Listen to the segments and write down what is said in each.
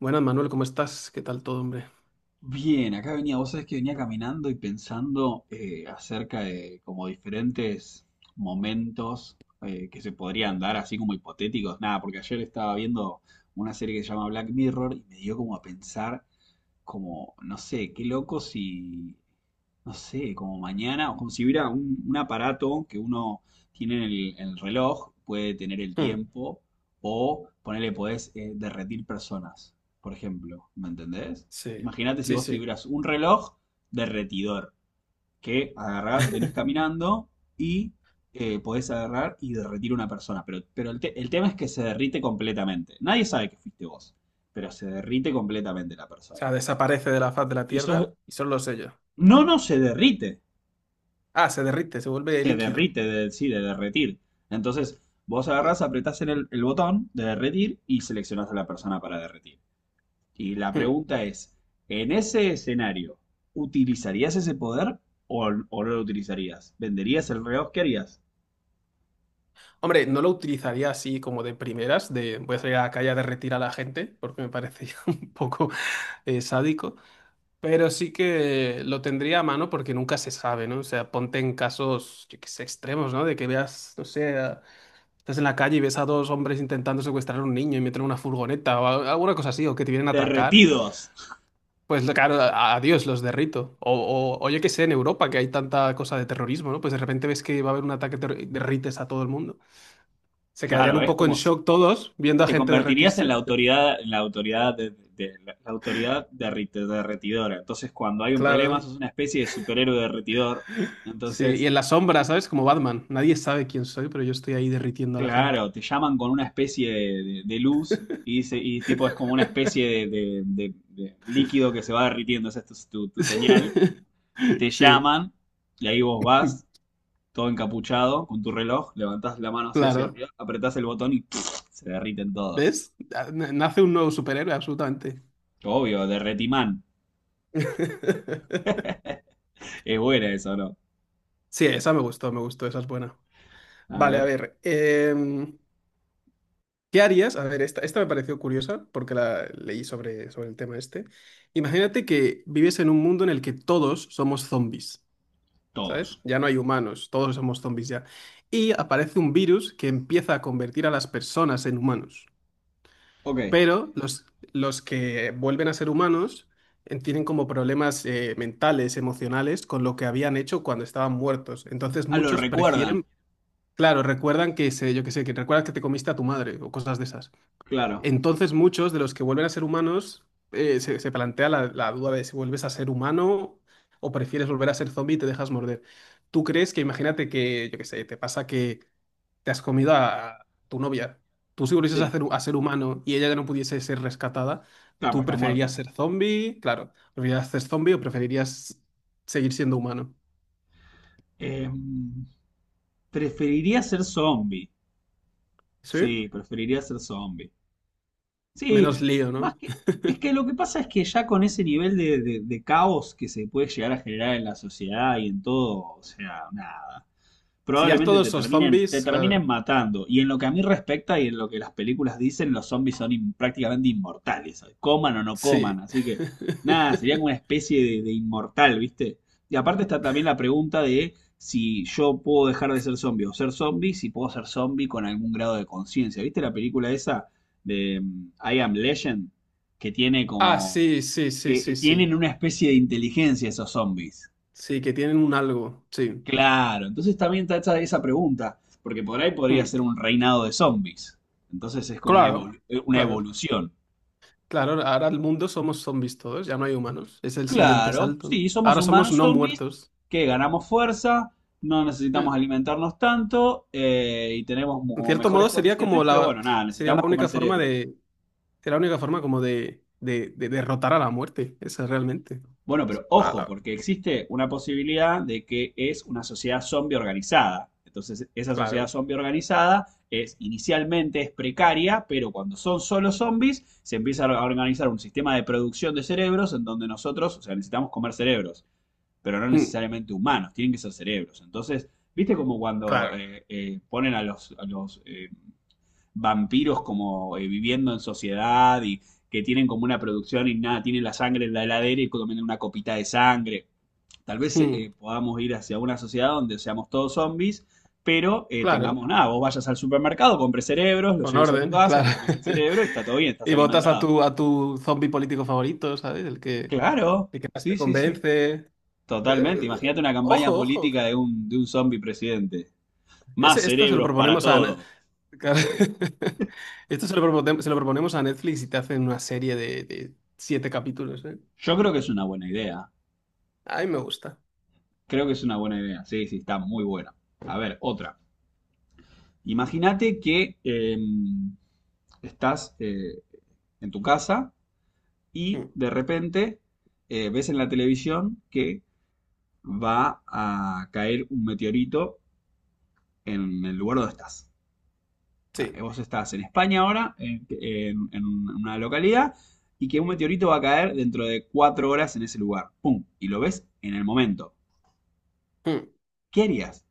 Buenas, Manuel, ¿cómo estás? ¿Qué tal todo, hombre? Bien, acá venía, vos sabés que venía caminando y pensando acerca de como diferentes momentos que se podrían dar, así como hipotéticos. Nada, porque ayer estaba viendo una serie que se llama Black Mirror y me dio como a pensar como, no sé, qué loco si, no sé, como mañana, o como si hubiera un aparato que uno tiene en el reloj, puede tener el Hmm. tiempo, o ponele, podés derretir personas, por ejemplo, ¿me entendés? Sí, Imagínate si sí, vos sí. tuvieras un reloj derretidor, que agarrás, venís caminando y podés agarrar y derretir una persona, pero el tema es que se derrite completamente. Nadie sabe que fuiste vos, pero se derrite completamente la O persona sea, desaparece de la faz de la y Tierra y son los sellos. No, no, se derrite. Ah, se derrite, se vuelve Se líquido. derrite, de, sí, de derretir. Entonces, vos agarrás, apretás en el botón de derretir y seleccionás a la persona para derretir. Y la Hmm. pregunta es, en ese escenario, ¿utilizarías ese poder o no lo utilizarías? ¿Venderías el reloj? ¿Qué harías? Hombre, no lo utilizaría así como de primeras, de voy a salir a la calle a derretir a la gente, porque me parece ya un poco sádico, pero sí que lo tendría a mano porque nunca se sabe, ¿no? O sea, ponte en casos, yo qué sé, extremos, ¿no? De que veas, no sé, estás en la calle y ves a dos hombres intentando secuestrar a un niño y meter en una furgoneta o alguna cosa así, o que te vienen a atracar. Derretidos. Pues claro, adiós, los derrito. O yo qué sé, en Europa, que hay tanta cosa de terrorismo, ¿no? Pues de repente ves que va a haber un ataque y derrites a todo el mundo. Se quedarían Claro, un es poco en como. shock todos viendo a Te gente convertirías en la derretirse. autoridad, la autoridad derretidora. Entonces, cuando hay un problema, Claro. sos una especie de superhéroe derretidor. Sí, y Entonces, en la sombra, ¿sabes? Como Batman. Nadie sabe quién soy, pero yo estoy ahí derritiendo a la gente. claro, te llaman con una especie de luz y tipo es como una especie de líquido que se va derritiendo, esa es tu señal. Te Sí, llaman y ahí vos vas, todo encapuchado, con tu reloj, levantás la mano así hacia claro. arriba, apretás el botón y se derriten todos. ¿Ves? Nace un nuevo superhéroe, absolutamente. Obvio, derretimán. Es buena esa, ¿no? Sí, esa me gustó, esa es buena. A Vale, a ver, ver, ¿Qué harías? A ver, esta me pareció curiosa porque la leí sobre el tema este. Imagínate que vives en un mundo en el que todos somos zombies, todos. ¿sabes? Ya no hay humanos, todos somos zombies ya. Y aparece un virus que empieza a convertir a las personas en humanos. Ok. Pero los que vuelven a ser humanos tienen como problemas mentales, emocionales, con lo que habían hecho cuando estaban muertos. Entonces Ah, lo muchos recuerdan. prefieren. Claro, recuerdan que se, yo qué sé, que recuerdas que te comiste a tu madre o cosas de esas. Claro, Entonces, muchos de los que vuelven a ser humanos se plantea la duda de si vuelves a ser humano o prefieres volver a ser zombie y te dejas morder. ¿Tú crees que, imagínate que, yo qué sé, te pasa que te has comido a tu novia? Tú si volvieses sí. A ser humano y ella ya no pudiese ser rescatada, Claro, pues ¿tú está preferirías muerta. ser zombie? Claro, ¿preferirías ser zombie o preferirías seguir siendo humano? Em, ¿Preferiría ser zombie? ¿Sí? Sí, preferiría ser zombie. Sí, Menos lío, más ¿no? que... Es que lo que pasa es que ya con ese nivel de caos que se puede llegar a generar en la sociedad y en todo, o sea, nada Si ya probablemente todos te sos terminen, te zombies, terminen claro. matando. Y en lo que a mí respecta y en lo que las películas dicen, los zombies son prácticamente inmortales, coman o no coman. Sí. Así que nada, sería como una especie de inmortal, ¿viste? Y aparte está también la pregunta de si yo puedo dejar de ser zombie o ser zombie, si puedo ser zombie con algún grado de conciencia. ¿Viste la película esa de I Am Legend? Que tiene Ah, sí, sí, sí, que sí, sí. tienen una especie de inteligencia esos zombies. Sí, que tienen un algo, sí. Claro, entonces también está hecha esa pregunta, porque por ahí podría Hmm. ser un reinado de zombies. Entonces es como una, Claro, evolu- eh, una claro, evolución. claro. Ahora el mundo somos zombies todos, ya no hay humanos. Es el siguiente Claro, salto, ¿no? sí, somos Ahora somos humanos no zombies muertos. que ganamos fuerza, no Eh. necesitamos alimentarnos tanto y tenemos En como cierto mejores modo sería condiciones, como pero la, bueno, nada, sería la necesitamos comer única forma cerebros. de, sería la única forma como de derrotar a la muerte. Esa realmente. Bueno, pero La, ojo, la- porque existe una posibilidad de que es una sociedad zombie organizada. Entonces, esa sociedad claro. zombie organizada es inicialmente es precaria, pero cuando son solo zombies, se empieza a organizar un sistema de producción de cerebros en donde nosotros, o sea, necesitamos comer cerebros, pero no Hmm. necesariamente humanos, tienen que ser cerebros. Entonces, ¿viste como cuando Claro. Ponen a los vampiros como viviendo en sociedad y que tienen como una producción y nada, tienen la sangre en la heladera y comen una copita de sangre. Tal vez Hmm. Podamos ir hacia una sociedad donde seamos todos zombies, pero tengamos Claro. nada, vos vayas al supermercado, compres cerebros, los Con lleves a tu orden, casa, claro. te comes el cerebro y está todo bien, estás Y votas a alimentado. tu, a tu zombie político favorito, ¿sabes? El que, Claro, el que más te sí, sí, sí. convence. Eh, Totalmente. Imagínate una campaña Ojo, política ojo. de un zombie presidente. Más Esto se lo cerebros para proponemos a. todos. Claro. Esto se lo, se lo proponemos a Netflix y te hacen una serie de siete capítulos, ¿eh? Yo creo que es una buena idea. A mí me gusta. Creo que es una buena idea. Sí, sí, está muy buena. A ver, otra. Imagínate que estás en tu casa y Mm, de repente ves en la televisión que va a caer un meteorito en el lugar donde estás. O sea, sí. vos estás en España ahora, en una localidad, y que un meteorito va a caer dentro de 4 horas en ese lugar. ¡Pum! Y lo ves en el momento. Mm. ¿Qué harías?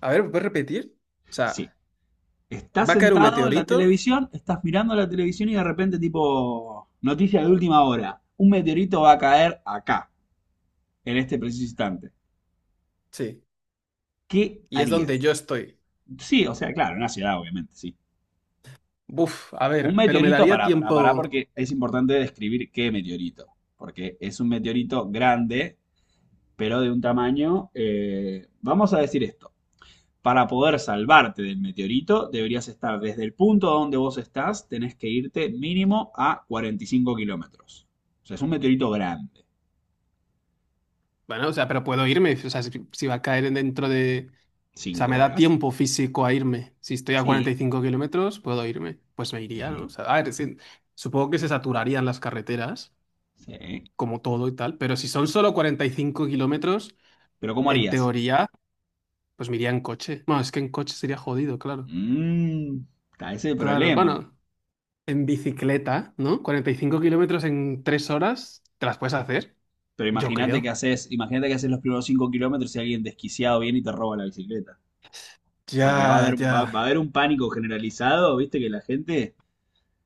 A ver, ¿puedes repetir? O sea, Sí, estás va a caer un sentado en la meteorito. televisión, estás mirando la televisión y de repente tipo noticia de última hora. Un meteorito va a caer acá, en este preciso instante. Sí. ¿Qué Y es donde harías? yo estoy. Sí, o sea, claro, en una ciudad obviamente, sí. Buf, a Un ver, pero me meteorito, daría pará, pará, pará, porque tiempo. es importante describir qué meteorito. Porque es un meteorito grande, pero de un vamos a decir esto. Para poder salvarte del meteorito, deberías estar desde el punto donde vos estás, tenés que irte mínimo a 45 kilómetros. O sea, es un meteorito grande. Bueno, o sea, pero puedo irme, o sea, si va a caer dentro de... O sea, ¿Cinco me da horas? tiempo físico a irme. Si estoy a cuarenta Sí, y cinco kilómetros, puedo irme. Pues me iría, ¿no? O sí, sea, a ver, sí, supongo que se saturarían las carreteras, sí. como todo y tal, pero si son solo 45 kilómetros, Pero ¿cómo en harías? teoría, pues me iría en coche. Bueno, es que en coche sería jodido, claro. Mmm, está ese el Claro, problema. bueno, en bicicleta, ¿no? 45 kilómetros en 3 horas, te las puedes hacer, Pero yo imagínate que creo. haces, imagínate que haces los primeros 5 kilómetros y alguien desquiciado viene y te roba la bicicleta. Porque va a Ya, haber, va, ya. va a haber un pánico generalizado, viste, que la gente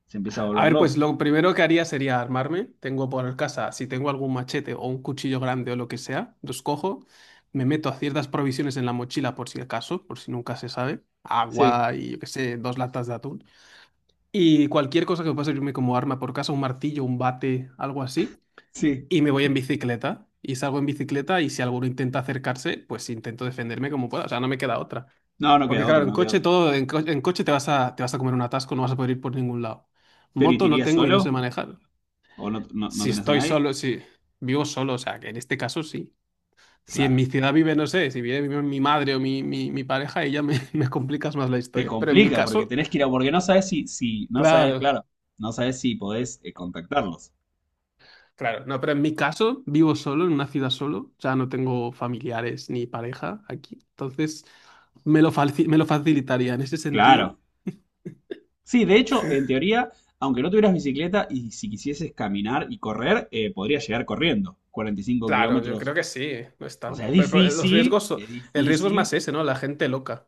se empieza a A volver ver, loca. pues lo primero que haría sería armarme. Tengo por casa, si tengo algún machete o un cuchillo grande o lo que sea, los cojo, me meto a ciertas provisiones en la mochila por si acaso, por si nunca se sabe, Sí, agua y yo qué sé, dos latas de atún. Y cualquier cosa que pueda servirme como arma por casa, un martillo, un bate, algo así. sí. Y me voy en bicicleta. Y salgo en bicicleta y si alguno intenta acercarse, pues intento defenderme como pueda. O sea, no me queda otra. No, no Porque queda claro, otro, en no queda coche otro. todo, en coche te vas a comer un atasco, no vas a poder ir por ningún lado. ¿Pero y te Moto no irías tengo y no sé solo? manejar. ¿O no, no, no Si tenés a estoy nadie? solo, si vivo solo, o sea, que en este caso sí. Si en Claro. mi ciudad vive, no sé, si vive mi, mi, madre o mi pareja, ella me, me complicas más la Te historia. Complica porque tenés que porque no sabes si, no sabes, Claro, claro, no sabes si podés contactarlos. claro, no, pero en mi caso vivo solo, en una ciudad solo, o sea, no tengo familiares ni pareja aquí. Entonces, me lo, me lo facilitaría en ese sentido. Claro. Sí, de hecho, en teoría, aunque no tuvieras bicicleta y si quisieses caminar y correr, podrías llegar corriendo. 45 Claro, yo creo kilómetros. que sí, no es O sea, es tanto. Pero los difícil, riesgos, es el riesgo es difícil. más ese, ¿no? La gente loca.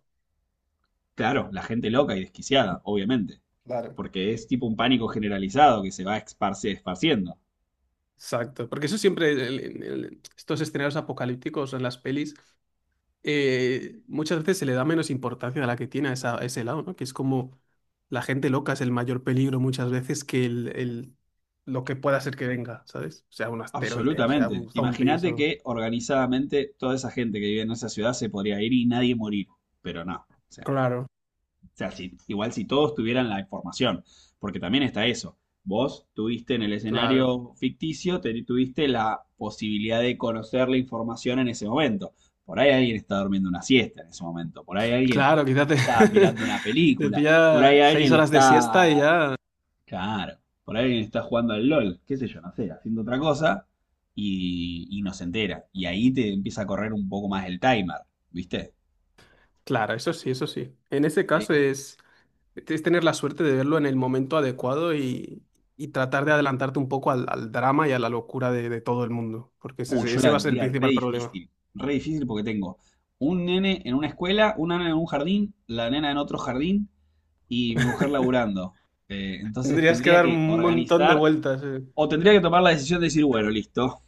Claro, la gente loca y desquiciada, obviamente. Claro. Porque es tipo un pánico generalizado que se va esparciendo. Exacto, porque eso siempre, estos escenarios apocalípticos en las pelis, muchas veces se le da menos importancia a la que tiene a ese lado, ¿no? Que es como la gente loca es el mayor peligro muchas veces que lo que pueda ser que venga, ¿sabes? O sea, un asteroide, o sea, Absolutamente. un zombie, Imagínate o... que organizadamente toda esa gente que vive en esa ciudad se podría ir y nadie morir, pero no. O sea, Claro. o sea, igual si todos tuvieran la información, porque también está eso. Vos tuviste en el Claro, escenario ficticio, tuviste la posibilidad de conocer la información en ese momento. Por ahí alguien está durmiendo una siesta en ese momento, por ahí alguien claro, quizás te, está mirando una te película, por pilla ahí seis alguien horas de siesta y está. ya... Claro. Por ahí alguien está jugando al LOL, qué sé yo, no sé, haciendo otra cosa y no se entera. Y ahí te empieza a correr un poco más el timer, ¿viste? Claro, eso sí, eso sí. En ese Sí. caso es, tener la suerte de verlo en el momento adecuado y tratar de adelantarte un poco al drama y a la locura de todo el mundo, porque Uy, ese, yo la ese va a ser el vendría re principal problema. difícil. Re difícil porque tengo un nene en una escuela, una nena en un jardín, la nena en otro jardín y mi mujer laburando. Entonces Tendrías que tendría dar que un montón de organizar vueltas. o tendría que tomar la decisión de decir, bueno, listo,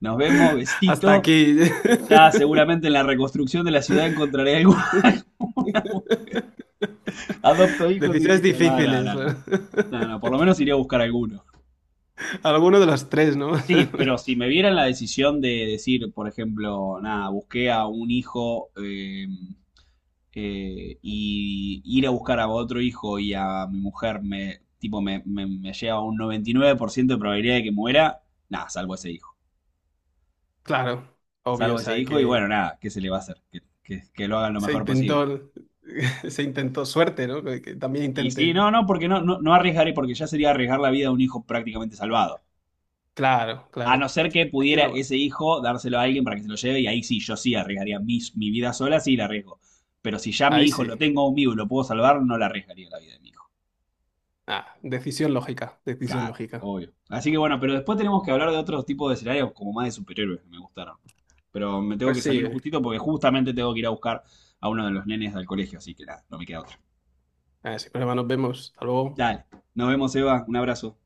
nos vemos, Hasta besito. aquí. Ya seguramente en la reconstrucción de la ciudad encontraré algo. Adopto hijos y Decisiones listo. No, no, difíciles. no, no. No, no, por lo menos iría a buscar alguno. Alguno de los tres, ¿no? Sí, pero si me vieran la decisión de decir, por ejemplo, nada, busqué a un hijo y ir a buscar a otro hijo y a mi mujer me, tipo, me lleva a un 99% de probabilidad de que muera, nada, salvo ese hijo. Claro, obvio, o Salvo ese sea, hijo y bueno, que nada, ¿qué se le va a hacer? Que lo hagan lo se mejor posible. intentó, se intentó suerte, ¿no? Que también Y sí, intenten. no, no, porque no, no, no arriesgaré, porque ya sería arriesgar la vida de un hijo prácticamente salvado. Claro, A no claro. ser que Hay que pudiera tomar. ese hijo dárselo a alguien para que se lo lleve y ahí sí, yo sí arriesgaría mi vida sola, sí la arriesgo. Pero si ya mi Ahí hijo sí. lo tengo conmigo y lo puedo salvar, no la arriesgaría la vida de mi hijo. Ah, decisión lógica, decisión Claro, lógica. obvio. Así que bueno, pero después tenemos que hablar de otros tipos de escenarios como más de superhéroes que me gustaron. Pero me tengo Pues que sí, salir justito porque justamente tengo que ir a buscar a uno de los nenes del colegio, así que nada, no me queda otra. Si no, nos vemos. Hasta luego. Dale, nos vemos, Eva, un abrazo.